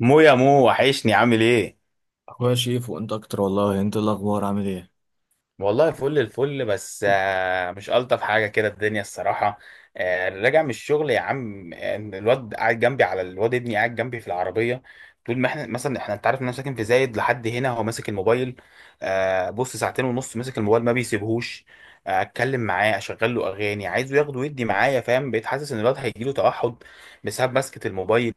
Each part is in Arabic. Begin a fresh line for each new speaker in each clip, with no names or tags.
مو، يا مو، وحشني. عامل ايه؟
اخويا شيف وانت اكتر، والله انت إيه الاخبار؟ عامل ايه؟
والله فل الفل. بس مش ألطف حاجة كده الدنيا الصراحة. راجع من الشغل يا عم. الواد قاعد جنبي، على الواد ابني قاعد جنبي في العربية. طول ما احنا انت عارف ان انا ساكن في زايد، لحد هنا هو ماسك الموبايل. بص، ساعتين ونص ماسك الموبايل ما بيسيبهوش. اتكلم معاه، اشغل له اغاني، عايزه ياخده ويدي معايا، فاهم؟ بقيت حاسس ان الواد هيجيله توحد بسبب ماسكة الموبايل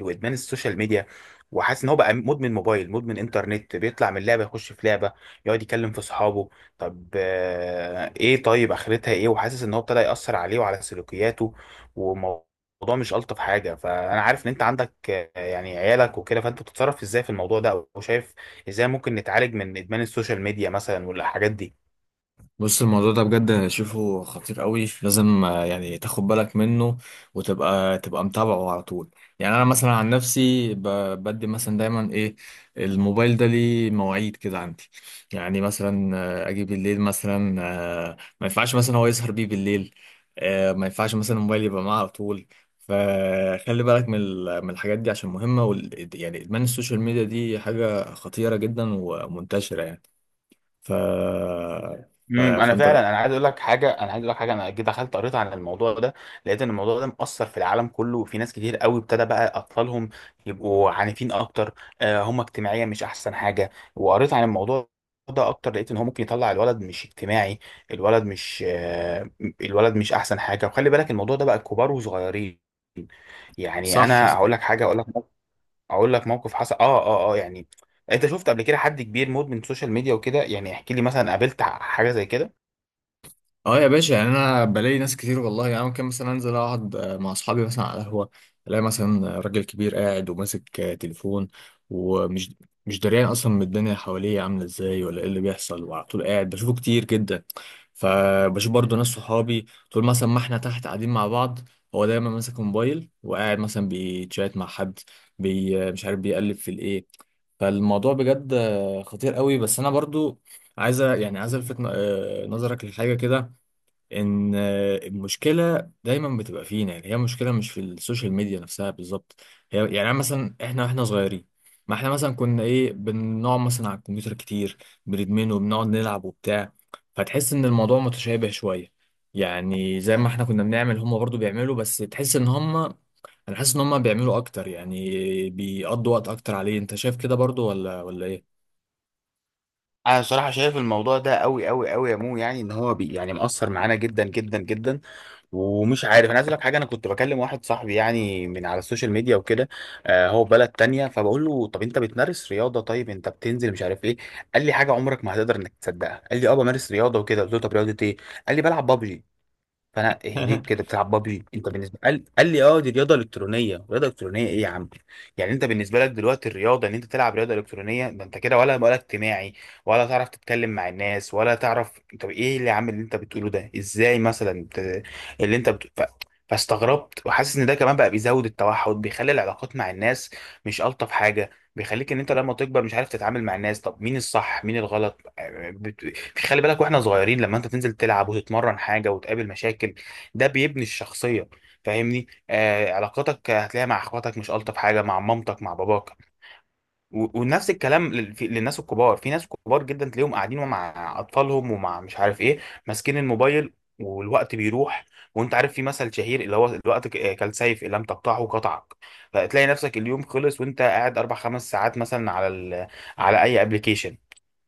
وادمان السوشيال ميديا. وحاسس ان هو بقى مدمن موبايل، مدمن انترنت، بيطلع من لعبه يخش في لعبه، يقعد يكلم في اصحابه. طب ايه؟ طيب اخرتها ايه؟ وحاسس ان هو ابتدى يأثر عليه وعلى سلوكياته والموضوع. مش ألطف حاجة. فانا عارف ان انت عندك يعني عيالك وكده، فانت بتتصرف ازاي في الموضوع ده؟ او شايف ازاي ممكن نتعالج من ادمان السوشيال ميديا مثلا والحاجات دي؟
بص، الموضوع ده بجد شوفه خطير قوي، لازم يعني تاخد بالك منه وتبقى تبقى متابعه على طول. يعني انا مثلا عن نفسي بدي مثلا دايما ايه، الموبايل ده ليه مواعيد كده عندي. يعني مثلا اجي بالليل مثلا، ما ينفعش مثلا هو يسهر بيه بالليل، ما ينفعش مثلا الموبايل يبقى معاه على طول. فخلي بالك من الحاجات دي عشان مهمة، يعني ادمان السوشيال ميديا دي حاجة خطيرة جدا ومنتشرة يعني. ف
انا
فانت
فعلا، انا عايز اقول لك حاجه، انا جيت دخلت قريت عن الموضوع ده، لقيت ان الموضوع ده مأثر في العالم كله، وفي ناس كتير قوي ابتدى بقى اطفالهم يبقوا عنيفين اكتر. هم اجتماعيا مش احسن حاجه. وقريت عن الموضوع ده اكتر، لقيت ان هو ممكن يطلع الولد مش اجتماعي، الولد مش الولد مش احسن حاجه. وخلي بالك الموضوع ده بقى كبار وصغيرين. يعني
صح.
انا هقول لك حاجه، هقول لك موقف حصل يعني انت شفت قبل كده حد كبير مدمن سوشيال ميديا وكده؟ يعني احكي لي، مثلا قابلت حاجه زي كده؟
اه يا باشا، يعني انا بلاقي ناس كتير والله. يعني ممكن مثلا انزل اقعد مع اصحابي مثلا على القهوه، الاقي مثلا راجل كبير قاعد وماسك تليفون ومش مش دريان اصلا من الدنيا حواليه عامله ازاي ولا ايه اللي بيحصل، وعلى طول قاعد بشوفه كتير جدا. فبشوف برضو ناس صحابي، طول مثلا ما احنا تحت قاعدين مع بعض، هو دايما ماسك موبايل وقاعد مثلا بيتشات مع حد، بي آه، مش عارف بيقلب في الايه. فالموضوع بجد خطير قوي، بس انا برضو عايز يعني عايز الفت نظرك لحاجه كده، ان المشكله دايما بتبقى فينا. يعني هي مشكله مش في السوشيال ميديا نفسها بالظبط، هي يعني أنا مثلا، احنا واحنا صغيرين، ما احنا مثلا كنا ايه، بنقعد مثلا على الكمبيوتر كتير، بندمنه وبنقعد نلعب وبتاع. فتحس ان الموضوع متشابه شويه، يعني زي ما احنا كنا بنعمل هم برضو بيعملوا، بس تحس ان هم، انا حاسس ان هم بيعملوا اكتر يعني، بيقضوا وقت اكتر عليه. انت شايف كده برضو ولا ايه؟
انا صراحه شايف الموضوع ده قوي قوي قوي يا مو، يعني ان هو يعني مأثر معانا جدا جدا جدا، ومش عارف. انا عايز اقول لك حاجه، انا كنت بكلم واحد صاحبي يعني من على السوشيال ميديا وكده، هو في بلد تانية، فبقول له طب انت بتمارس رياضه؟ طيب انت بتنزل؟ مش عارف ايه. قال لي حاجه عمرك ما هتقدر انك تصدقها. قال لي اه بمارس رياضه وكده، قلت له طب رياضه ايه؟ قال لي بلعب بابجي. فانا ايه؟ ليه كده بتلعب بابجي انت بالنسبه؟ قال لي اه دي رياضه الكترونيه. رياضه الكترونيه ايه يا عم؟ يعني انت بالنسبه لك دلوقتي الرياضه ان انت تلعب رياضه الكترونيه؟ ده انت كده ولا اجتماعي، ولا تعرف تتكلم مع الناس، ولا تعرف. طب ايه اللي عامل اللي انت بتقوله ده ازاي، اللي انت بت... ف... فاستغربت. وحاسس ان ده كمان بقى بيزود التوحد، بيخلي العلاقات مع الناس مش الطف حاجه، بيخليك ان انت لما تكبر مش عارف تتعامل مع الناس. طب مين الصح مين الغلط؟ خلي بالك واحنا صغيرين، لما انت تنزل تلعب وتتمرن حاجه وتقابل مشاكل، ده بيبني الشخصيه، فاهمني؟ علاقاتك هتلاقيها مع اخواتك مش الطف حاجه، مع مامتك، مع باباك. ونفس الكلام للناس الكبار. في ناس كبار جدا تلاقيهم قاعدين ومع اطفالهم ومع مش عارف ايه، ماسكين الموبايل والوقت بيروح. وانت عارف في مثل شهير اللي هو الوقت كالسيف، ان لم تقطعه قطعك. فتلاقي نفسك اليوم خلص وانت قاعد اربع خمس ساعات مثلا على اي ابلكيشن.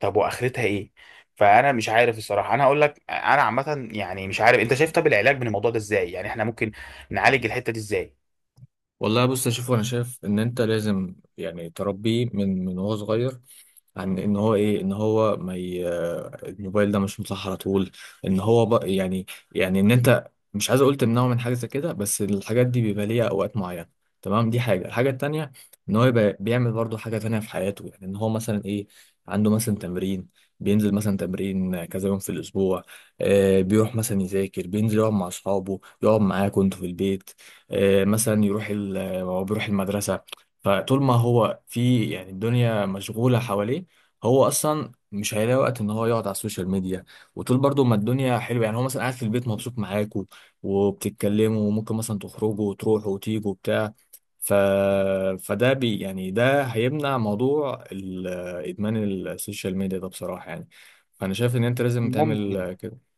طب واخرتها ايه؟ فانا مش عارف الصراحه. انا هقول لك، انا عامه يعني مش عارف، انت شايف طب العلاج من الموضوع ده ازاي؟ يعني احنا ممكن نعالج الحته دي ازاي؟
والله بص يا شوف، انا شايف ان انت لازم يعني تربيه من وهو صغير، عن ان هو ايه، ان هو ما ي... الموبايل ده مش مصح على طول، يعني، يعني ان انت مش عايز اقول تمنعه من حاجه زي كده، بس الحاجات دي بيبقى ليها اوقات معينه، تمام؟ دي حاجه. الحاجه التانيه، ان هو يبقى بيعمل برضه حاجه تانيه في حياته. يعني ان هو مثلا ايه، عنده مثلا تمرين، بينزل مثلا تمرين كذا يوم في الاسبوع، آه بيروح مثلا يذاكر، بينزل يقعد مع اصحابه، يقعد معاكم انتوا في البيت، آه مثلا يروح هو بيروح المدرسه. فطول ما هو في يعني الدنيا مشغوله حواليه، هو اصلا مش هيلاقي وقت ان هو يقعد على السوشيال ميديا. وطول برضو ما الدنيا حلوه، يعني هو مثلا قاعد في البيت مبسوط معاكوا وبتتكلموا، وممكن مثلا تخرجوا وتروحوا وتيجوا وبتاع. ف... فده يعني ده هيمنع موضوع ادمان السوشيال ميديا ده بصراحه يعني. فانا شايف ان انت لازم
ممكن
تعمل كده.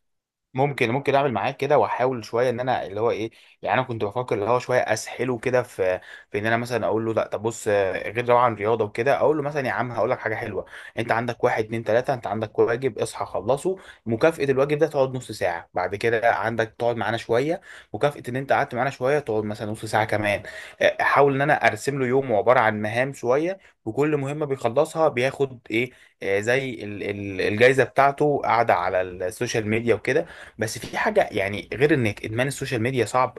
ممكن ممكن اعمل معاك كده، واحاول شويه ان انا اللي هو ايه. يعني انا كنت بفكر اللي هو شويه اسحله كده في ان انا مثلا اقول له لا، طب بص غير طبعا رياضه وكده، اقول له مثلا يا عم هقول لك حاجه حلوه. انت عندك واحد اتنين تلاته، انت عندك واجب اصحى خلصه، مكافاه الواجب ده تقعد نص ساعه. بعد كده عندك تقعد معانا شويه، مكافاه ان انت قعدت معانا شويه تقعد مثلا نص ساعه كمان. احاول ان انا ارسم له يوم عباره عن مهام شويه، وكل مهمه بيخلصها بياخد ايه، زي الجايزه بتاعته قاعده على السوشيال ميديا وكده. بس في حاجة، يعني غير انك ادمان السوشيال ميديا صعب،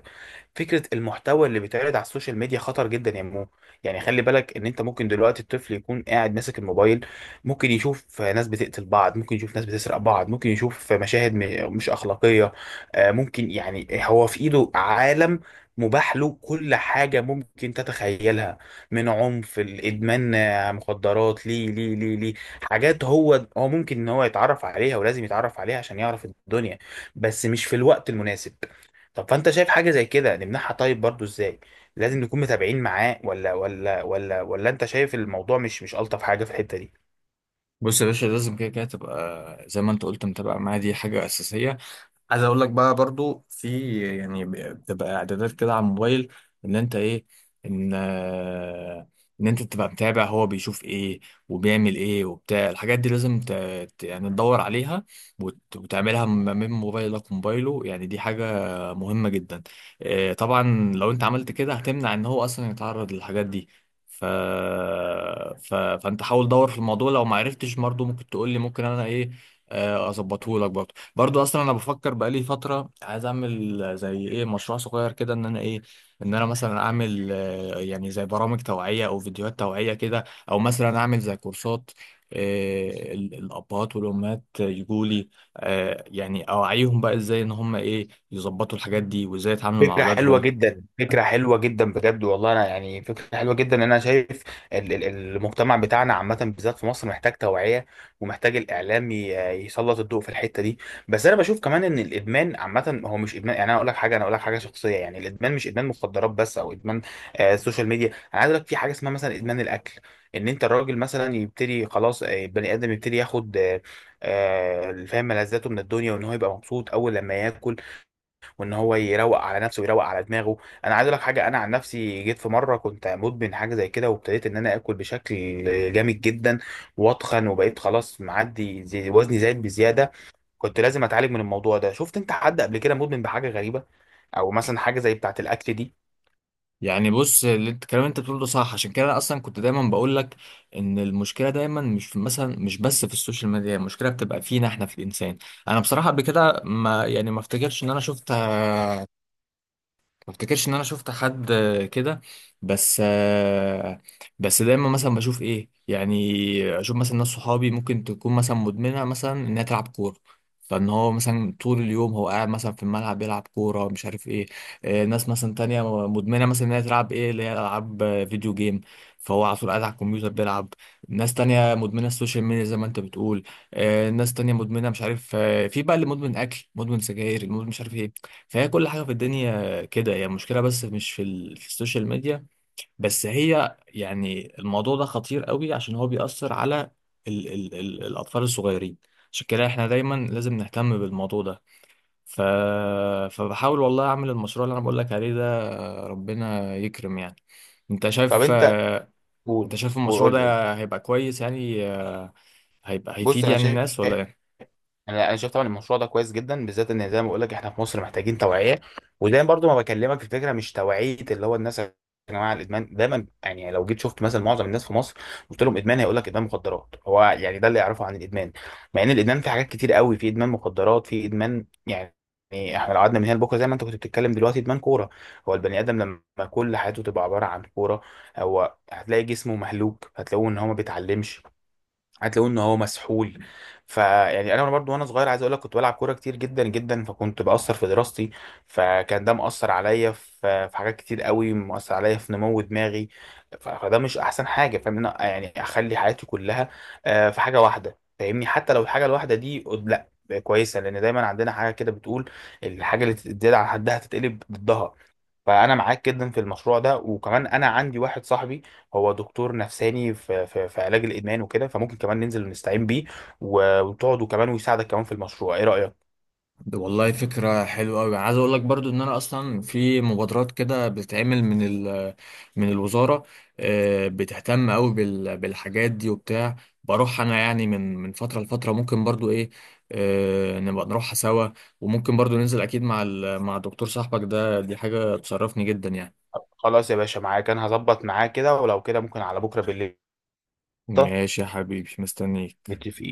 فكرة المحتوى اللي بيتعرض على السوشيال ميديا خطر جدا يا مو. يعني خلي بالك ان انت ممكن دلوقتي الطفل يكون قاعد ماسك الموبايل، ممكن يشوف ناس بتقتل بعض، ممكن يشوف ناس بتسرق بعض، ممكن يشوف مشاهد مش اخلاقية. ممكن يعني هو في ايده عالم مباح له، كل حاجة ممكن تتخيلها، من عنف، الإدمان، مخدرات، ليه ليه ليه ليه، حاجات هو ممكن إن هو يتعرف عليها، ولازم يتعرف عليها عشان يعرف الدنيا، بس مش في الوقت المناسب. طب فانت شايف حاجه زي كده نمنعها؟ طيب برضو ازاي؟ لازم نكون متابعين معاه ولا انت شايف الموضوع مش الطف حاجه في الحته دي؟
بص يا باشا، لازم كده كده تبقى زي ما انت قلت متابع معايا، دي حاجة أساسية. عايز اقول لك بقى برضو في يعني، بتبقى اعدادات كده على الموبايل، ان انت ايه، ان آه، ان انت تبقى متابع هو بيشوف ايه وبيعمل ايه وبتاع. الحاجات دي لازم يعني تدور عليها وتعملها من موبايلك وموبايله، يعني دي حاجة مهمة جدا. طبعا لو انت عملت كده هتمنع ان هو اصلا يتعرض للحاجات دي. ف... فانت حاول دور في الموضوع، لو ما عرفتش برضه ممكن تقول لي، ممكن انا ايه، اظبطه لك برضه. برضو اصلا انا بفكر بقالي فتره عايز اعمل زي ايه مشروع صغير كده، ان انا ايه، ان انا مثلا اعمل يعني زي برامج توعيه او فيديوهات توعيه كده، او مثلا اعمل زي كورسات، الابهات والامهات يجوا لي، يعني اوعيهم بقى ازاي ان هم ايه، يظبطوا الحاجات دي وازاي يتعاملوا مع
فكرة حلوة
اولادهم.
جدا، فكرة حلوة جدا بجد والله. أنا يعني فكرة حلوة جدا. أنا شايف ال- ال- المجتمع بتاعنا عامة بالذات في مصر محتاج توعية، ومحتاج الإعلام يسلط الضوء في الحتة دي. بس أنا بشوف كمان إن الإدمان عامة هو مش إدمان، يعني أنا أقول لك حاجة، أنا أقول لك حاجة شخصية، يعني الإدمان مش إدمان مخدرات بس أو إدمان السوشيال ميديا. أنا عايز أقول لك في حاجة اسمها مثلا إدمان الأكل، إن أنت الراجل مثلا يبتدي خلاص بني آدم يبتدي ياخد فاهم، ملذاته من الدنيا، وإن هو يبقى مبسوط أول لما ياكل، وان هو يروق على نفسه ويروق على دماغه. انا عايز اقول لك حاجه، انا عن نفسي جيت في مره كنت مدمن حاجه زي كده، وابتديت ان انا اكل بشكل جامد جدا، واتخن وبقيت خلاص معدي، زي وزني زايد بزياده، كنت لازم اتعالج من الموضوع ده. شفت انت حد قبل كده مدمن بحاجه غريبه، او مثلا حاجه زي بتاعه الاكل دي؟
يعني بص، اللي انت الكلام اللي انت بتقوله ده صح، عشان كده انا اصلا كنت دايما بقول لك ان المشكله دايما مش في مثلا، مش بس في السوشيال ميديا، هي المشكله بتبقى فينا احنا في الانسان. انا بصراحه قبل كده ما يعني، ما افتكرش ان انا شفت ما افتكرش ان انا شفت حد كده. بس آه، بس دايما مثلا بشوف ايه، يعني اشوف مثلا ناس صحابي ممكن تكون مثلا مدمنه مثلا انها تلعب كوره، فان هو مثلا طول اليوم هو قاعد مثلا في الملعب بيلعب كوره مش عارف ايه. ناس مثلا تانية مدمنه مثلا انها تلعب ايه اللي هي العاب فيديو جيم، فهو على طول قاعد على الكمبيوتر بيلعب. ناس تانية مدمنه السوشيال ميديا زي ما انت بتقول، ناس تانية مدمنه مش عارف في بقى اللي مدمن اكل، مدمن سجاير، المدمن مش عارف ايه. فهي كل حاجه في الدنيا كده هي المشكلة، بس مش في, في السوشيال ميديا بس، هي يعني الموضوع ده خطير قوي عشان هو بيأثر على الأطفال الصغيرين. عشان كده احنا دايما لازم نهتم بالموضوع ده. ف... فبحاول والله أعمل المشروع اللي أنا بقول لك عليه ده، ربنا يكرم يعني. أنت
طب
شايف
انت
آه، أنت
قول،
شايف المشروع
وقول لي قول.
ده هيبقى كويس يعني، هيبقى
بص
هيفيد
انا
يعني
شايف،
الناس ولا إيه؟
انا شايف طبعا المشروع ده كويس جدا، بالذات ان زي ما بقول لك احنا في مصر محتاجين توعيه. ودايما برضو ما بكلمك في فكره مش توعيه اللي هو الناس، يا جماعه الادمان دايما، يعني لو جيت شفت مثلا معظم الناس في مصر قلت لهم ادمان، هيقول لك ادمان مخدرات، هو يعني ده اللي يعرفه عن الادمان، مع ان الادمان في حاجات كتير قوي. في ادمان مخدرات، في ادمان يعني، احنا لو قعدنا من هنا لبكره زي ما انت كنت بتتكلم دلوقتي، ادمان كوره. هو البني ادم لما كل حياته تبقى عباره عن كوره، هو هتلاقي جسمه مهلوك، هتلاقوه ان هو ما بيتعلمش، هتلاقوه ان هو مسحول. فيعني انا برضو وانا صغير عايز اقول لك، كنت بلعب كوره كتير جدا جدا، فكنت باثر في دراستي، فكان ده مأثر عليا في حاجات كتير قوي، مأثر عليا في نمو دماغي. فده مش احسن حاجه، فاهم إن أنا يعني اخلي حياتي كلها في حاجه واحده، فاهمني؟ حتى لو الحاجه الواحده دي لا كويسه، لان دايما عندنا حاجه كده بتقول: الحاجه اللي تزيد عن حدها تتقلب ضدها. فانا معاك جدا في المشروع ده، وكمان انا عندي واحد صاحبي هو دكتور نفساني في، علاج الادمان وكده، فممكن كمان ننزل ونستعين بيه، وتقعد وكمان ويساعدك كمان في المشروع. ايه رايك؟
والله فكرة حلوة أوي. عايز أقول لك برضو إن أنا أصلا في مبادرات كده بتتعمل من الوزارة، بتهتم أوي بالحاجات دي وبتاع. بروح أنا يعني من فترة لفترة، ممكن برضو إيه، نبقى نروحها سوا. وممكن برضو ننزل أكيد مع الدكتور صاحبك ده، دي حاجة تشرفني جدا يعني.
خلاص يا باشا، معاك. انا هظبط معاه كده، ولو كده ممكن على بكره بالليل.
ماشي يا حبيبي، مستنيك.
متفقين.